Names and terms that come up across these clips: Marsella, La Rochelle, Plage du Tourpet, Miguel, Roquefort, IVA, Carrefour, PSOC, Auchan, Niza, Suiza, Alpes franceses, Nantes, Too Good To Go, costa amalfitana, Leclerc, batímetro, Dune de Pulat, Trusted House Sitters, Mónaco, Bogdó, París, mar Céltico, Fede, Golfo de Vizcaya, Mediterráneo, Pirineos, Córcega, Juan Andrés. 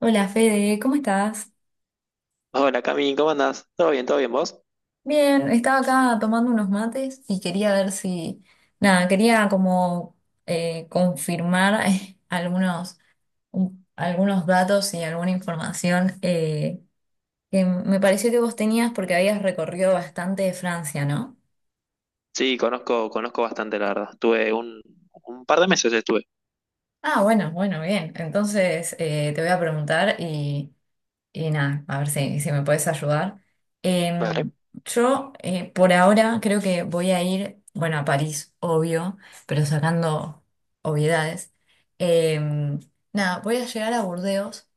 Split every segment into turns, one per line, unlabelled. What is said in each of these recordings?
Hola, Fede, ¿cómo estás?
Hola Cami, ¿cómo andás? Todo bien vos?
Bien, estaba acá tomando unos mates y quería ver si, nada, quería como confirmar, algunos, algunos datos y alguna información, que me pareció que vos tenías porque habías recorrido bastante Francia, ¿no?
Sí, conozco, conozco bastante, la verdad. Tuve un par de meses estuve.
Ah, bueno, bueno, bien. Entonces, te voy a preguntar. Y nada, a ver si, si me puedes ayudar.
Vale.
Em, yo, por ahora creo que voy a ir, bueno, a París, obvio, pero sacando obviedades. Em, Nada, voy a llegar a Burdeos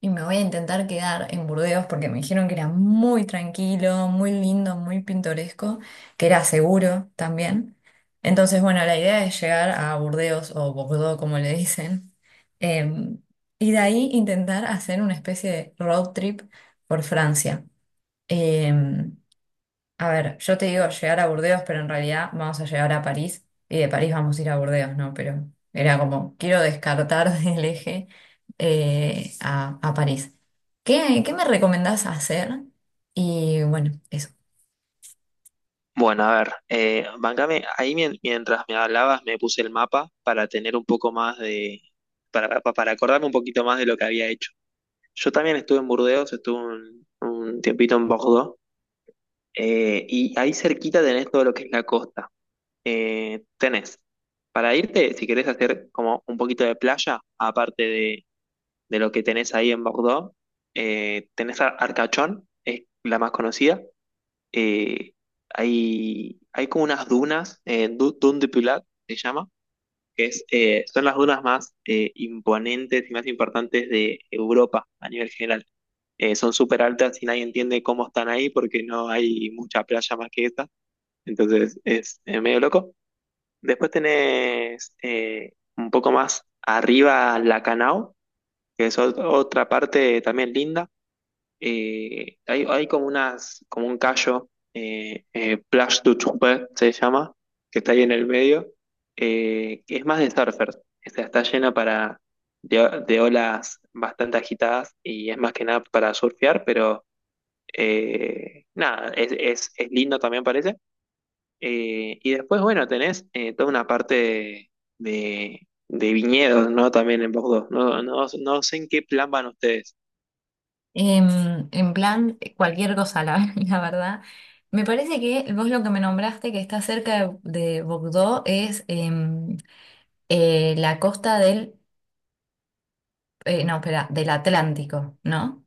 y me voy a intentar quedar en Burdeos porque me dijeron que era muy tranquilo, muy lindo, muy pintoresco, que era seguro también. Entonces, bueno, la idea es llegar a Burdeos o Bordeaux, como le dicen, em, y de ahí intentar hacer una especie de road trip por Francia. Em, a ver, yo te digo llegar a Burdeos, pero en realidad vamos a llegar a París y de París vamos a ir a Burdeos, ¿no? Pero era como, quiero descartar del eje, a París. ¿Qué, qué me recomendás hacer? Y bueno, eso.
Bueno, a ver, bancame, ahí mientras me hablabas me puse el mapa para tener un poco más de, para acordarme un poquito más de lo que había hecho. Yo también estuve en Burdeos, estuve un tiempito en Bordeaux, y ahí cerquita tenés todo lo que es la costa. Tenés, para irte, si querés hacer como un poquito de playa, aparte de lo que tenés ahí en Bordeaux. Tenés Arcachón, es la más conocida. Eh, hay como unas dunas, Dune de Pulat se llama, que es, son las dunas más imponentes y más importantes de Europa a nivel general. Son súper altas y nadie entiende cómo están ahí porque no hay mucha playa más que esta. Entonces es medio loco. Después tenés un poco más arriba Lacanau, que es otra parte también linda. Hay como unas, como un callo, Plage du Tourpet se llama, que está ahí en el medio, que es más de surfers, o sea, está llena para, de olas bastante agitadas y es más que nada para surfear, pero nada, es lindo también parece. Y después, bueno, tenés toda una parte de viñedos, ¿no? También en Bordeaux. No, no, no sé en qué plan van ustedes.
En plan, cualquier cosa, la, la verdad. Me parece que vos lo que me nombraste, que está cerca de Bordeaux, es la costa del, no, espera, del Atlántico, ¿no?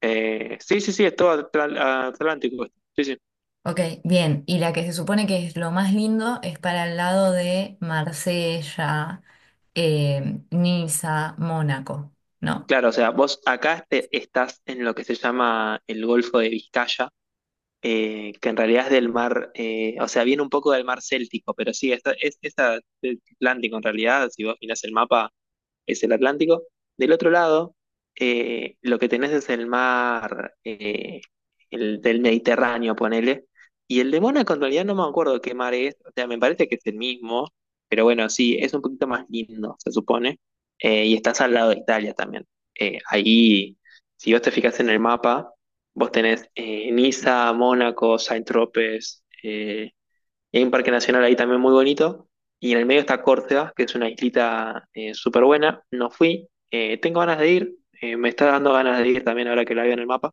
Sí, sí, sí, es todo atlántico. Sí, sí.
Ok, bien. Y la que se supone que es lo más lindo es para el lado de Marsella, Niza, Mónaco, ¿no?
Claro, o sea, vos acá estás en lo que se llama el Golfo de Vizcaya, que en realidad es del mar, o sea, viene un poco del mar Céltico, pero sí, esta es atlántico en realidad, si vos mirás el mapa. Es el Atlántico. Del otro lado, lo que tenés es el mar el del Mediterráneo, ponele. Y el de Mónaco, en realidad, no me acuerdo qué mar es. O sea, me parece que es el mismo. Pero bueno, sí, es un poquito más lindo, se supone. Y estás al lado de Italia también. Ahí, si vos te fijas en el mapa, vos tenés Niza, Mónaco, Saint-Tropez, y hay un parque nacional ahí también muy bonito. Y en el medio está Córcega, que es una islita súper buena. No fui. Tengo ganas de ir. Me está dando ganas de ir también ahora que la veo en el mapa.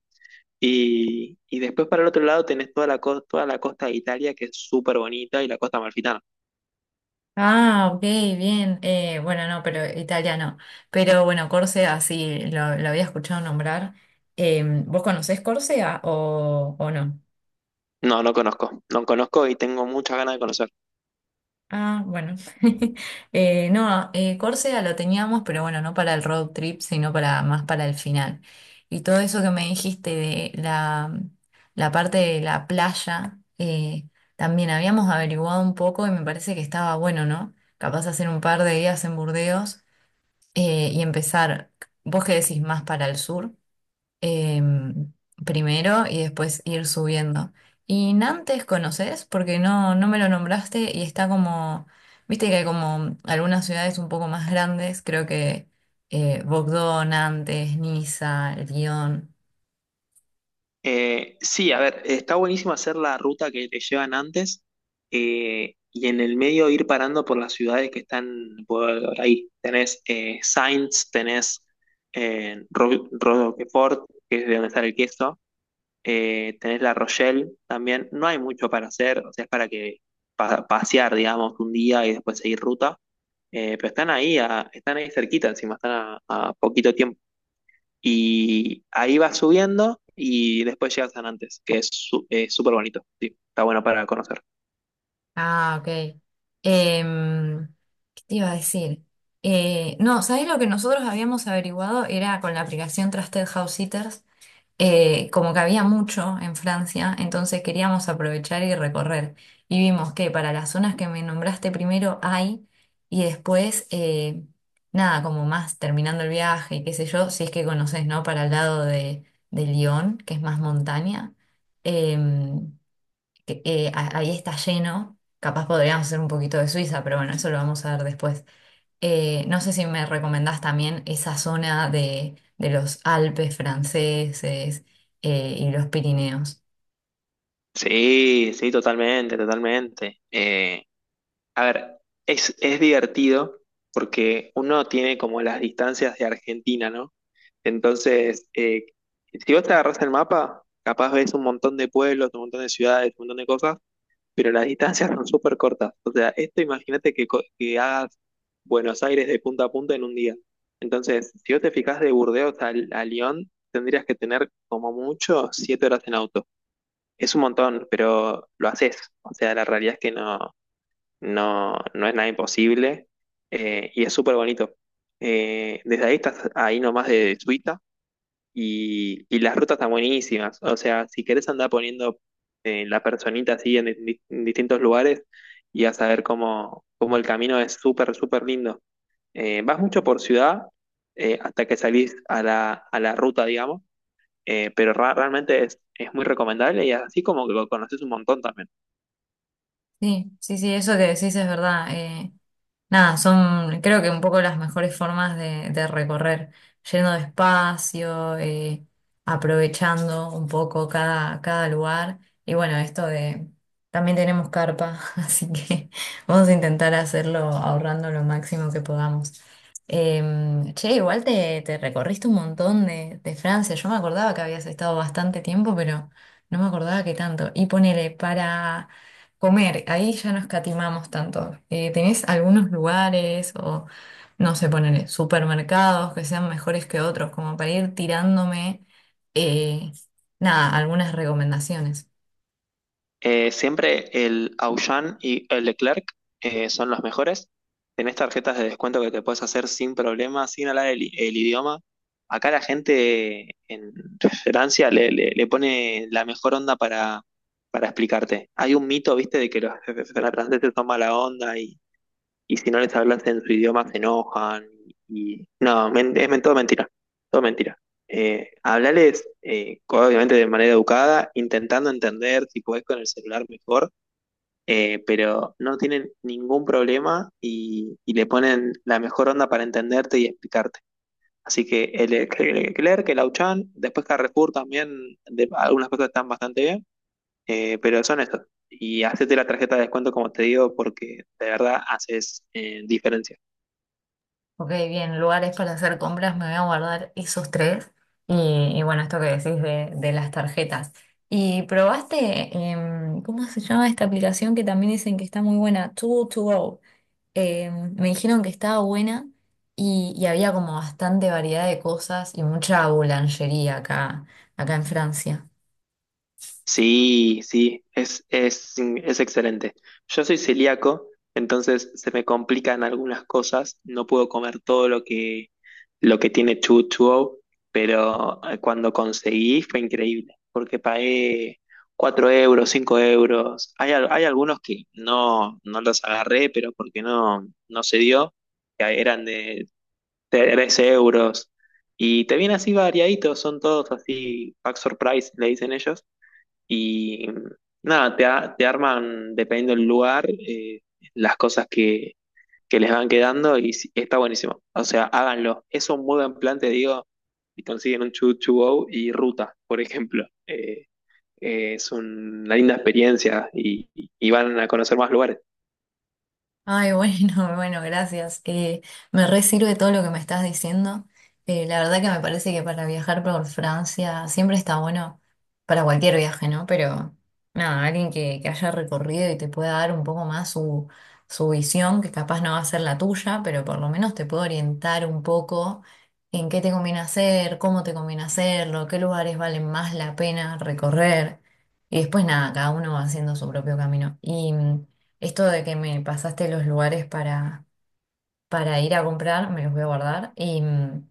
Y después para el otro lado tenés toda la costa de Italia, que es súper bonita, y la costa amalfitana.
Ah, ok, bien. Bueno, no, pero italiano. Pero bueno, Córcega sí, lo había escuchado nombrar. ¿Vos conocés Córcega o no?
No, no conozco. No conozco y tengo muchas ganas de conocer.
Ah, bueno. No, Córcega lo teníamos, pero bueno, no para el road trip, sino para más para el final. Y todo eso que me dijiste de la, la parte de la playa, también habíamos averiguado un poco y me parece que estaba bueno, ¿no? Capaz hacer un par de días en Burdeos, y empezar, vos qué decís, más para el sur, em, primero y después ir subiendo. Y Nantes conoces porque no, no me lo nombraste y está como, viste que hay como algunas ciudades un poco más grandes, creo que, Bogdó, Nantes, Niza, Lyon.
Sí, a ver, está buenísimo hacer la ruta que te llevan antes y en el medio ir parando por las ciudades que están por ahí. Tenés Sainz, tenés Roquefort, que es de donde está el queso, tenés La Rochelle también. No hay mucho para hacer, o sea, es para que pasear, digamos, un día y después seguir ruta. Pero están ahí cerquita, encima están a poquito tiempo. Y ahí vas subiendo y después llegas a Nantes, que es súper bonito. Sí, está bueno para conocer.
Ah, ok. Em, ¿Qué te iba a decir? No, ¿sabés lo que nosotros habíamos averiguado? Era con la aplicación Trusted House Sitters, como que había mucho en Francia, entonces queríamos aprovechar y recorrer. Y vimos que para las zonas que me nombraste primero hay, y después, nada, como más terminando el viaje, qué sé yo, si es que conoces, ¿no? Para el lado de Lyon, que es más montaña, em, que, ahí está lleno. Capaz podríamos hacer un poquito de Suiza, pero bueno, eso lo vamos a ver después. No sé si me recomendás también esa zona de los Alpes franceses, y los Pirineos.
Sí, sí, totalmente, totalmente. A ver, es divertido porque uno tiene como las distancias de Argentina, ¿no? Entonces, si vos te agarrás el mapa, capaz ves un montón de pueblos, un montón de ciudades, un montón de cosas, pero las distancias son súper cortas. O sea, esto imagínate que, que hagas Buenos Aires de punta a punta en un día. Entonces, si vos te fijás de Burdeos a Lyon, tendrías que tener como mucho 7 horas en auto. Es un montón, pero lo haces. O sea, la realidad es que no, no, no es nada imposible y es súper bonito. Desde ahí estás ahí nomás de Suiza, y las rutas están buenísimas. O sea, si querés andar poniendo la personita así en, en distintos lugares y vas a ver cómo, cómo el camino es súper, súper lindo. Vas mucho por ciudad hasta que salís a la, ruta, digamos, pero realmente es muy recomendable y así como que lo conoces un montón también.
Sí, sí, sí, eso que decís es verdad. Eh, nada, son creo que un poco las mejores formas de recorrer, yendo despacio, aprovechando un poco cada, cada lugar. Y bueno, esto de, también tenemos carpa, así que vamos a intentar hacerlo ahorrando lo máximo que podamos. Che, igual te, te recorriste un montón de Francia. Yo me acordaba que habías estado bastante tiempo, pero no me acordaba que tanto. Y ponele, para comer, ahí ya no escatimamos tanto. ¿Tenés algunos lugares o, no sé, ponele, supermercados que sean mejores que otros, como para ir tirándome, eh, nada, algunas recomendaciones?
Siempre el Auchan y el Leclerc son los mejores. Tenés tarjetas de descuento que te puedes hacer sin problema, sin hablar el idioma. Acá la gente en Francia le pone la mejor onda para explicarte. Hay un mito, viste, de que los franceses toman la onda y si no les hablas en su idioma se enojan. Y no, es todo mentira, todo mentira. Hablales, obviamente de manera educada, intentando entender si podés con el celular mejor, pero no tienen ningún problema y le ponen la mejor onda para entenderte y explicarte. Así que el Leclerc, el Auchan, después Carrefour también, algunas cosas están bastante bien, pero son estos. Y hacete la tarjeta de descuento, como te digo, porque de verdad haces diferencia.
Ok, bien, lugares para hacer compras, me voy a guardar esos tres. Y bueno, esto que decís de las tarjetas. ¿Y probaste, cómo se llama esta aplicación que también dicen que está muy buena? Too to go. Eh, me dijeron que estaba buena y había como bastante variedad de cosas y mucha boulangería acá, acá en Francia.
Sí, sí, es excelente. Yo soy celíaco, entonces se me complican algunas cosas. No puedo comer todo lo que tiene chuchu, pero cuando conseguí fue increíble, porque pagué 4 euros, 5 euros. Hay algunos que no los agarré, pero porque no se dio, que eran de 3 euros. Y te vienen así variaditos, son todos así, pack surprise, le dicen ellos y nada, te arman, dependiendo del lugar, las cosas que les van quedando y sí, está buenísimo. O sea, háganlo. Es un muy buen plan, te digo, y consiguen un Choo Choo Go y Ruta, por ejemplo. Es una linda experiencia y van a conocer más lugares.
Ay, bueno, bueno, gracias. Me re sirve todo lo que me estás diciendo. La verdad que me parece que para viajar por Francia siempre está bueno para cualquier viaje, ¿no? Pero nada, alguien que haya recorrido y te pueda dar un poco más su, su visión, que capaz no va a ser la tuya, pero por lo menos te puede orientar un poco en qué te conviene hacer, cómo te conviene hacerlo, qué lugares valen más la pena recorrer. Y después nada, cada uno va haciendo su propio camino. Y esto de que me pasaste los lugares para ir a comprar, me los voy a guardar. Y mm,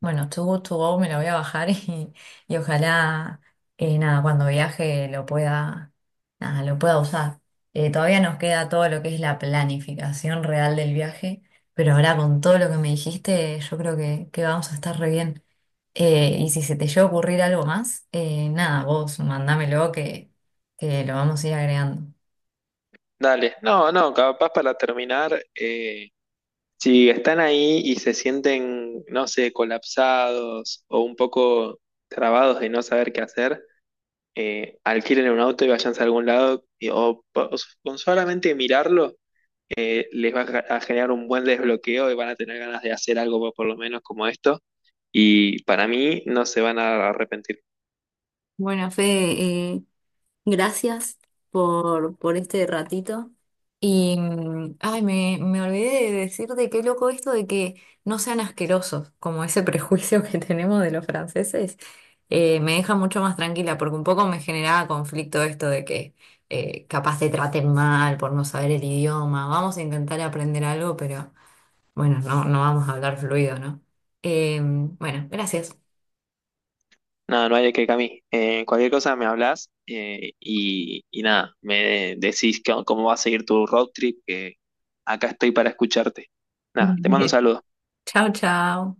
bueno, Too Good To Go me lo voy a bajar y ojalá, nada, cuando viaje lo pueda, nada, lo pueda usar. Todavía nos queda todo lo que es la planificación real del viaje, pero ahora con todo lo que me dijiste, yo creo que vamos a estar re bien. Y si se te llega a ocurrir algo más, nada, vos mandámelo que lo vamos a ir agregando.
Dale, no, no, capaz para terminar, si están ahí y se sienten, no sé, colapsados o un poco trabados de no saber qué hacer, alquilen un auto y váyanse a algún lado, y- o, po- o s- con solamente mirarlo, les va a generar un buen desbloqueo y van a tener ganas de hacer algo por lo menos como esto, y para mí no se van a arrepentir.
Bueno, Fede, gracias por este ratito. Y, mm, ay, me olvidé de decirte qué loco esto de que no sean asquerosos, como ese prejuicio que tenemos de los franceses, me deja mucho más tranquila, porque un poco me generaba conflicto esto de que, capaz te traten mal por no saber el idioma. Vamos a intentar aprender algo, pero bueno, no, no vamos a hablar fluido, ¿no? Bueno, gracias.
Nada, no hay de qué, Cami. Cualquier cosa me hablas y nada, me decís cómo va a seguir tu road trip, que acá estoy para escucharte. Nada, te mando un saludo.
Chao, chao.